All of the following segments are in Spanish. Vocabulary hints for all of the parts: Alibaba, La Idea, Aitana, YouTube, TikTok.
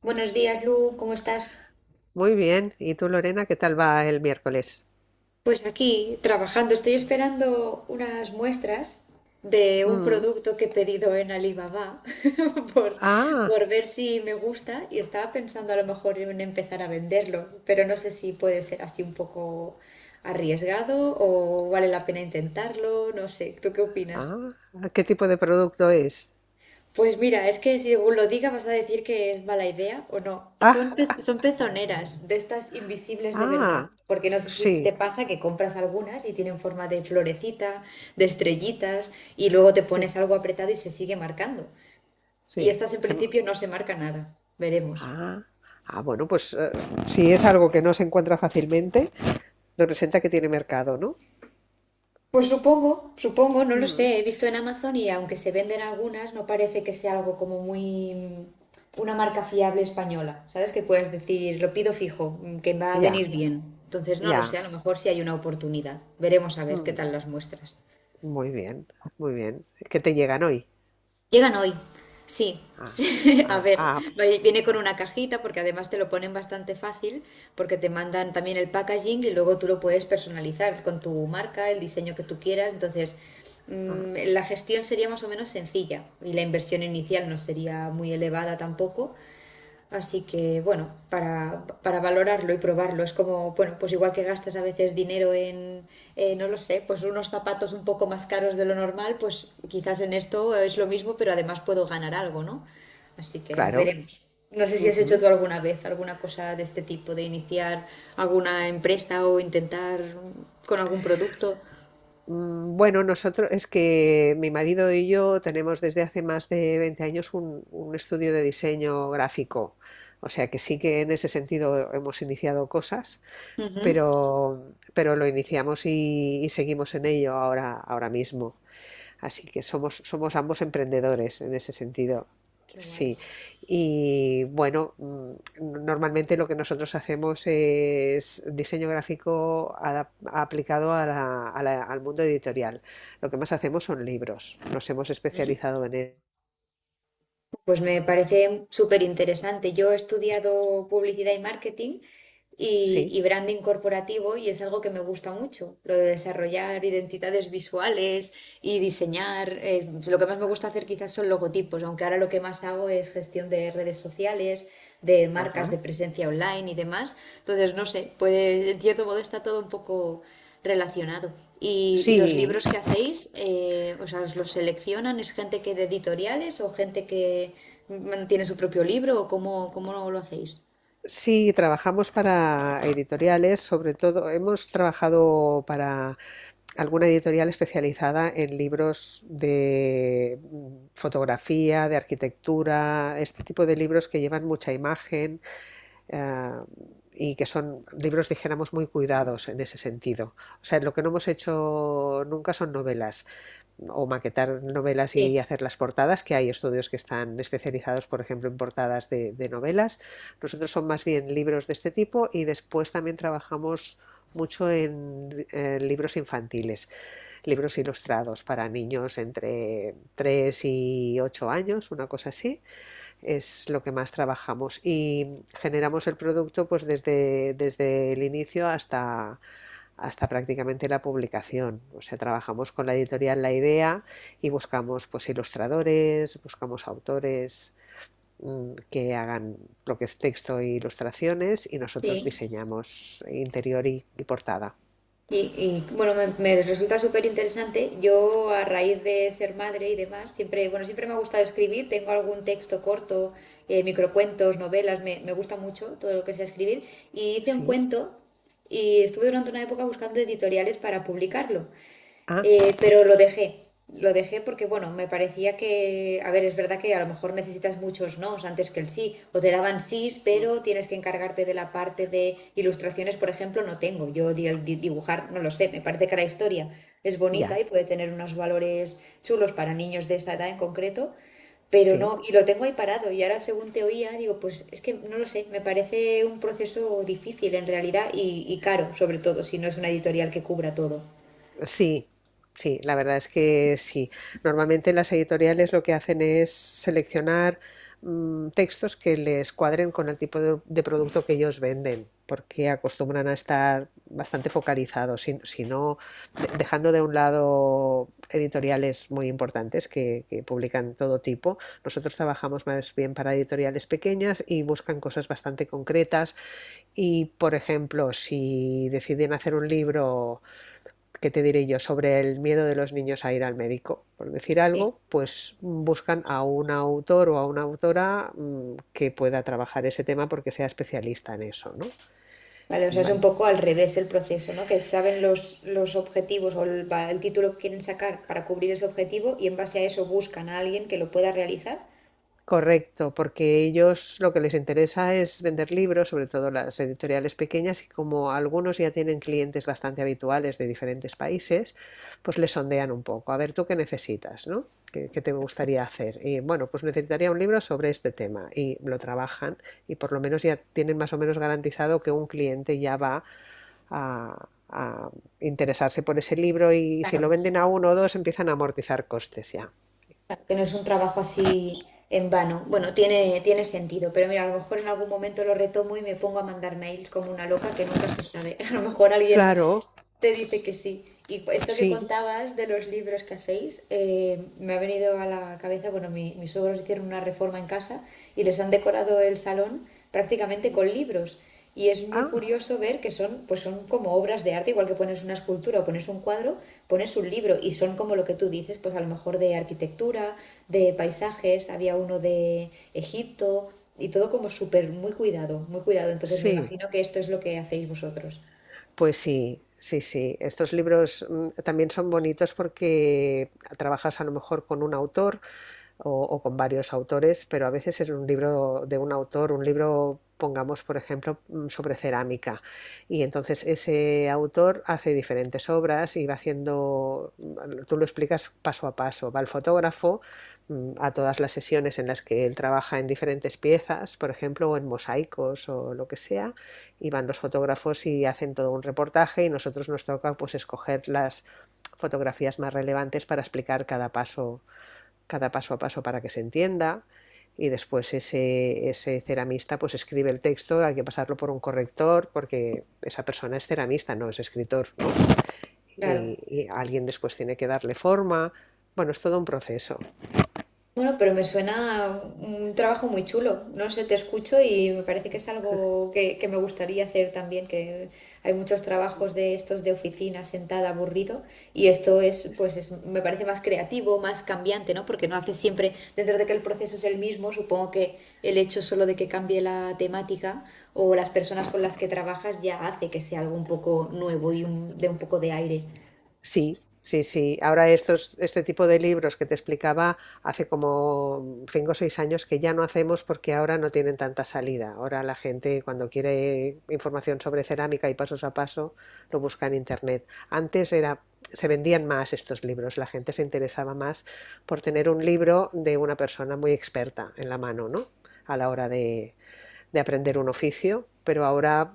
Buenos días, Lu, ¿cómo estás? Muy bien. ¿Y tú, Lorena, qué tal va el miércoles? Pues aquí trabajando, estoy esperando unas muestras de un Mm. producto que he pedido en Alibaba por, Ah, por ver si me gusta y estaba pensando a lo mejor en empezar a venderlo, pero no sé si puede ser así un poco arriesgado o vale la pena intentarlo, no sé, ¿tú qué opinas? ah, ¿qué tipo de producto es? Pues mira, es que según lo diga vas a decir que es mala idea o no. Ah, Son pezoneras de estas invisibles de verdad. ah, Porque no sé si te sí, pasa que compras algunas y tienen forma de florecita, de estrellitas, y luego te sí, pones algo apretado y se sigue marcando. Y sí. estas en principio no se marca nada. Veremos. Ah, ah, bueno, pues si es algo que no se encuentra fácilmente, representa que tiene mercado, ¿no? Pues supongo, supongo, no lo Mm. sé. He visto en Amazon y aunque se venden algunas, no parece que sea algo como una marca fiable española. ¿Sabes? Que puedes decir, lo pido fijo, que va a venir Ya, bien. Entonces, no lo sé, ya. a lo mejor sí hay una oportunidad. Veremos a ver qué Mm. tal las muestras. Muy bien, muy bien. ¿Qué te llegan hoy? Llegan hoy, sí. Ah, A ah, ver, ah, viene con ah, una cajita porque además te lo ponen bastante fácil porque te mandan también el packaging y luego tú lo puedes personalizar con tu marca, el diseño que tú quieras. Entonces, ah, la gestión sería más o menos sencilla y la inversión inicial no sería muy elevada tampoco. Así que, bueno, para valorarlo y probarlo, es como, bueno, pues igual que gastas a veces dinero en, no lo sé, pues unos zapatos un poco más caros de lo normal, pues quizás en esto es lo mismo, pero además puedo ganar algo, ¿no? Así que ya claro. veremos. No sé si has hecho tú alguna vez alguna cosa de este tipo, de iniciar alguna empresa o intentar con algún producto. Bueno, nosotros es que mi marido y yo tenemos desde hace más de 20 años un estudio de diseño gráfico, o sea que sí que en ese sentido hemos iniciado cosas, Ujú. pero, pero lo iniciamos y seguimos en ello ahora, ahora mismo. Así que somos, somos ambos emprendedores en ese sentido. Qué Sí, guays. y bueno, normalmente lo que nosotros hacemos es diseño gráfico aplicado al mundo editorial. Lo que más hacemos son libros. Nos hemos especializado en él. Pues me parece súper interesante. Yo he estudiado publicidad y marketing y, Sí, y branding corporativo y es algo que me gusta mucho, lo de desarrollar identidades visuales y diseñar. Lo que más me gusta hacer quizás son logotipos, aunque ahora lo que más hago es gestión de redes sociales, de marcas ajá. de presencia online y demás. Entonces, no sé, pues en cierto modo está todo un poco relacionado. Y los Sí, libros que hacéis, o sea, os los seleccionan, ¿es gente que de editoriales o gente que tiene su propio libro o cómo lo hacéis? sí, trabajamos para editoriales, sobre todo hemos trabajado alguna editorial especializada en libros de fotografía, de arquitectura, este tipo de libros que llevan mucha imagen, eh, y que son libros, dijéramos, muy cuidados en ese sentido. O sea, lo que no hemos hecho nunca son novelas o maquetar novelas Sí, y hacer las portadas, que hay estudios que están especializados, por ejemplo, en portadas de novelas. Nosotros son más bien libros de este tipo y después también trabajamos mucho en libros infantiles, libros ilustrados para niños entre 3 y 8 años, una cosa así, es lo que más trabajamos, y generamos el producto pues desde el inicio hasta, hasta prácticamente la publicación. O sea, trabajamos con la editorial La Idea y buscamos pues ilustradores, buscamos autores que hagan lo que es texto e ilustraciones, y nosotros sí. diseñamos interior y portada. Y bueno, me resulta súper interesante. Yo, a raíz de ser madre y demás, siempre, bueno, siempre me ha gustado escribir. Tengo algún texto corto, microcuentos, novelas, me gusta mucho todo lo que sea escribir. Y hice un ¿Sí? cuento y estuve durante una época buscando editoriales para publicarlo. Ah, Pero lo dejé porque, bueno, me parecía que, a ver, es verdad que a lo mejor necesitas muchos nos antes que el sí, o te daban sís, pero tienes que encargarte de la parte de ilustraciones, por ejemplo, no tengo, yo dibujar, no lo sé, me parece que la historia es bonita ya, y puede tener unos valores chulos para niños de esa edad en concreto, pero no, sí. y lo tengo ahí parado, y ahora según te oía, digo, pues es que no lo sé, me parece un proceso difícil en realidad y caro, sobre todo, si no es una editorial que cubra todo. Sí, sí, la verdad es que sí. Normalmente las editoriales lo que hacen es seleccionar textos que les cuadren con el tipo de producto que ellos venden, porque acostumbran a estar bastante focalizados. Si no, dejando de un lado editoriales muy importantes que publican todo tipo. Nosotros trabajamos más bien para editoriales pequeñas y buscan cosas bastante concretas y, por ejemplo, si deciden hacer un libro, ¿qué te diré yo? Sobre el miedo de los niños a ir al médico, por decir Sí. algo, pues buscan a un autor o a una autora que pueda trabajar ese tema porque sea especialista en eso, ¿no? Vale, o sea, es un poco al revés el proceso, ¿no? Que saben los objetivos o el título que quieren sacar para cubrir ese objetivo y en base a eso buscan a alguien que lo pueda realizar. Correcto, porque ellos lo que les interesa es vender libros, sobre todo las editoriales pequeñas, y como algunos ya tienen clientes bastante habituales de diferentes países, pues les sondean un poco. A ver, ¿tú qué necesitas, no? ¿Qué te gustaría hacer? Y bueno, pues necesitaría un libro sobre este tema, y lo trabajan y por lo menos ya tienen más o menos garantizado que un cliente ya va a interesarse por ese libro, y si lo Claro, venden a uno o dos empiezan a amortizar costes ya. claro, que no es un trabajo así en vano. Bueno, tiene, tiene sentido, pero mira, a lo mejor en algún momento lo retomo y me pongo a mandar mails como una loca que nunca se sabe. A lo mejor alguien Claro, te dice que sí. Y esto que sí. contabas de los libros que hacéis, me ha venido a la cabeza, bueno, mis suegros hicieron una reforma en casa y les han decorado el salón prácticamente con libros. Y es muy Ah, curioso ver que son, pues son como obras de arte, igual que pones una escultura o pones un cuadro, pones un libro y son como lo que tú dices, pues a lo mejor de arquitectura, de paisajes, había uno de Egipto y todo como súper, muy cuidado, muy cuidado. Entonces me sí, imagino que esto es lo que hacéis vosotros. pues sí, sí, sí. Estos libros también son bonitos porque trabajas a lo mejor con un autor o con varios autores, pero a veces es un libro de un autor, un libro, pongamos, por ejemplo, sobre cerámica. Y entonces ese autor hace diferentes obras y va haciendo, tú lo explicas paso a paso, va el fotógrafo a todas las sesiones en las que él trabaja en diferentes piezas, por ejemplo, o en mosaicos o lo que sea, y van los fotógrafos y hacen todo un reportaje, y nosotros nos toca pues escoger las fotografías más relevantes para explicar cada paso, cada paso a paso, para que se entienda. Y después ese ceramista pues escribe el texto. Hay que pasarlo por un corrector porque esa persona es ceramista, no es escritor, ¿no? Claro. Y alguien después tiene que darle forma. Bueno, es todo un proceso. Bueno, pero me suena a un trabajo muy chulo. No sé, te escucho y me parece que es algo que me gustaría hacer también, que hay muchos trabajos de estos de oficina, sentada, aburrido, y esto es, me parece más creativo, más cambiante, ¿no? Porque no haces siempre, dentro de que el proceso es el mismo, supongo que el hecho solo de que cambie la temática o las personas con las que trabajas ya hace que sea algo un poco nuevo y un, de un poco de aire. Sí, sí, sí. Ahora este tipo de libros que te explicaba hace como cinco o seis años que ya no hacemos, porque ahora no tienen tanta salida. Ahora la gente, cuando quiere información sobre cerámica y pasos a paso, lo busca en internet. Antes era, se vendían más estos libros, la gente se interesaba más por tener un libro de una persona muy experta en la mano, ¿no? A la hora de aprender un oficio. Pero ahora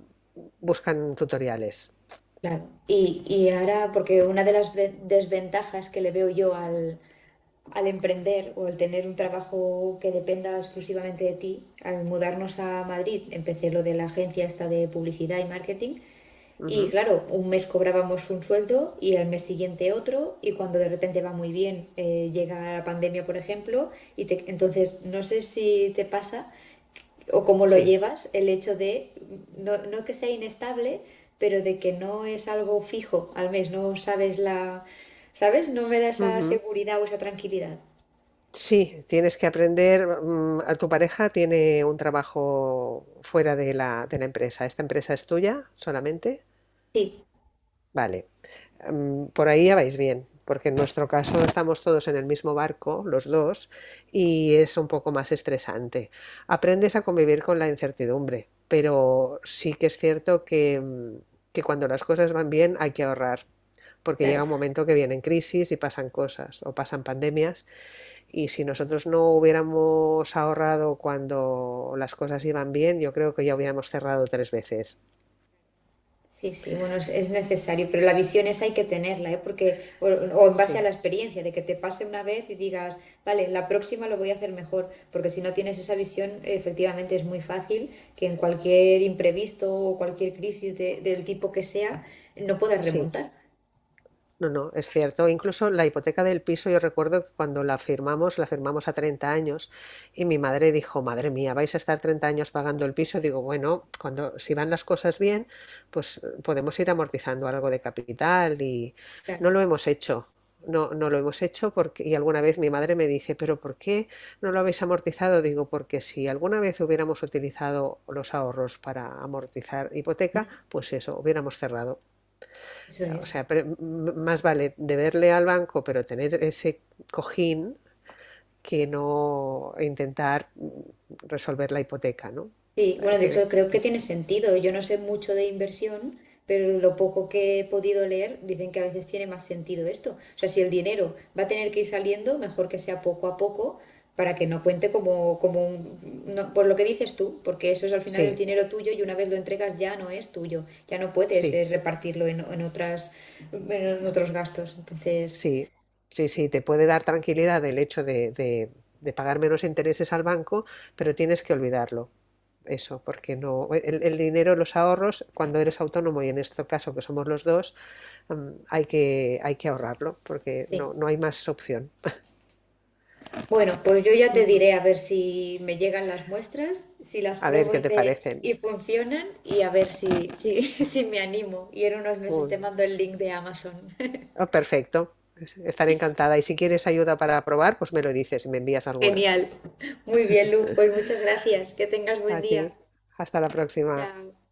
buscan tutoriales. Claro. Y ahora, porque una de las desventajas que le veo yo al emprender o al tener un trabajo que dependa exclusivamente de ti, al mudarnos a Madrid empecé lo de la agencia esta de publicidad y marketing y Ujú, claro, un mes cobrábamos un sueldo y al mes siguiente otro y cuando de repente va muy bien llega la pandemia, por ejemplo, entonces no sé si te pasa o cómo lo sí. llevas el hecho de, no, no que sea inestable, pero de que no es algo fijo al mes, no sabes la... ¿Sabes? No me da esa Ujú. seguridad o esa tranquilidad. Sí, tienes que aprender. A tu pareja tiene un trabajo fuera de la empresa. ¿Esta empresa es tuya solamente? Sí, Vale. Por ahí ya vais bien, porque en nuestro caso estamos todos en el mismo barco, los dos, y es un poco más estresante. Aprendes a convivir con la incertidumbre, pero sí que es cierto que, que cuando las cosas van bien hay que ahorrar, porque llega claro. un momento que vienen crisis y pasan cosas o pasan pandemias, y si nosotros no hubiéramos ahorrado cuando las cosas iban bien, yo creo que ya hubiéramos cerrado tres veces. Sí, sí, bueno, es necesario, pero la visión esa hay que tenerla, ¿eh? Porque, o en base a la Sí, experiencia, de que te pase una vez y digas, vale, la próxima lo voy a hacer mejor, porque si no tienes esa visión, efectivamente es muy fácil que en cualquier imprevisto o cualquier crisis del tipo que sea, no puedas sí. remontar. No, no, es cierto. Incluso la hipoteca del piso, yo recuerdo que cuando la firmamos a 30 años, y mi madre dijo, madre mía, vais a estar 30 años pagando el piso. Digo, bueno, cuando si van las cosas bien, pues podemos ir amortizando algo de capital, y no Claro, lo hemos hecho. No, no lo hemos hecho, porque y alguna vez mi madre me dice, pero ¿por qué no lo habéis amortizado? Digo, porque si alguna vez hubiéramos utilizado los ahorros para amortizar hipoteca, ujú. pues eso, hubiéramos cerrado. Eso O es. sea, más vale deberle al banco, pero tener ese cojín, que no intentar resolver la hipoteca, ¿no? Sí, Eh, bueno, de que- hecho creo que- que tiene sentido. Yo no sé mucho de inversión, pero lo poco que he podido leer dicen que a veces tiene más sentido esto. O sea, si el dinero va a tener que ir saliendo, mejor que sea poco a poco para que no cuente como, como un, por lo que dices tú, porque eso es, al final es sí, dinero tuyo y una vez lo entregas ya no es tuyo, ya no puedes sí, repartirlo en otras, en otros gastos. Entonces, sí, sí, sí, te puede dar tranquilidad el hecho de, de pagar menos intereses al banco, pero tienes que olvidarlo, eso, porque no, el dinero, los ahorros, cuando eres autónomo y en este caso que somos los dos, hay que ahorrarlo, porque sí. no, no hay más opción. Bueno, pues yo ya te Ujú. diré a ver si me llegan las muestras, si las A ver pruebo qué y te te parecen. y funcionan y a ver si, si me animo. Y en unos meses Uy, te mando el link de Amazon. ah, perfecto. Estaré encantada. Y si quieres ayuda para probar, pues me lo dices y me envías algunas. Genial. Muy bien, Luz. Pues muchas gracias. Que tengas A buen ti. día. Hasta la próxima. Chao.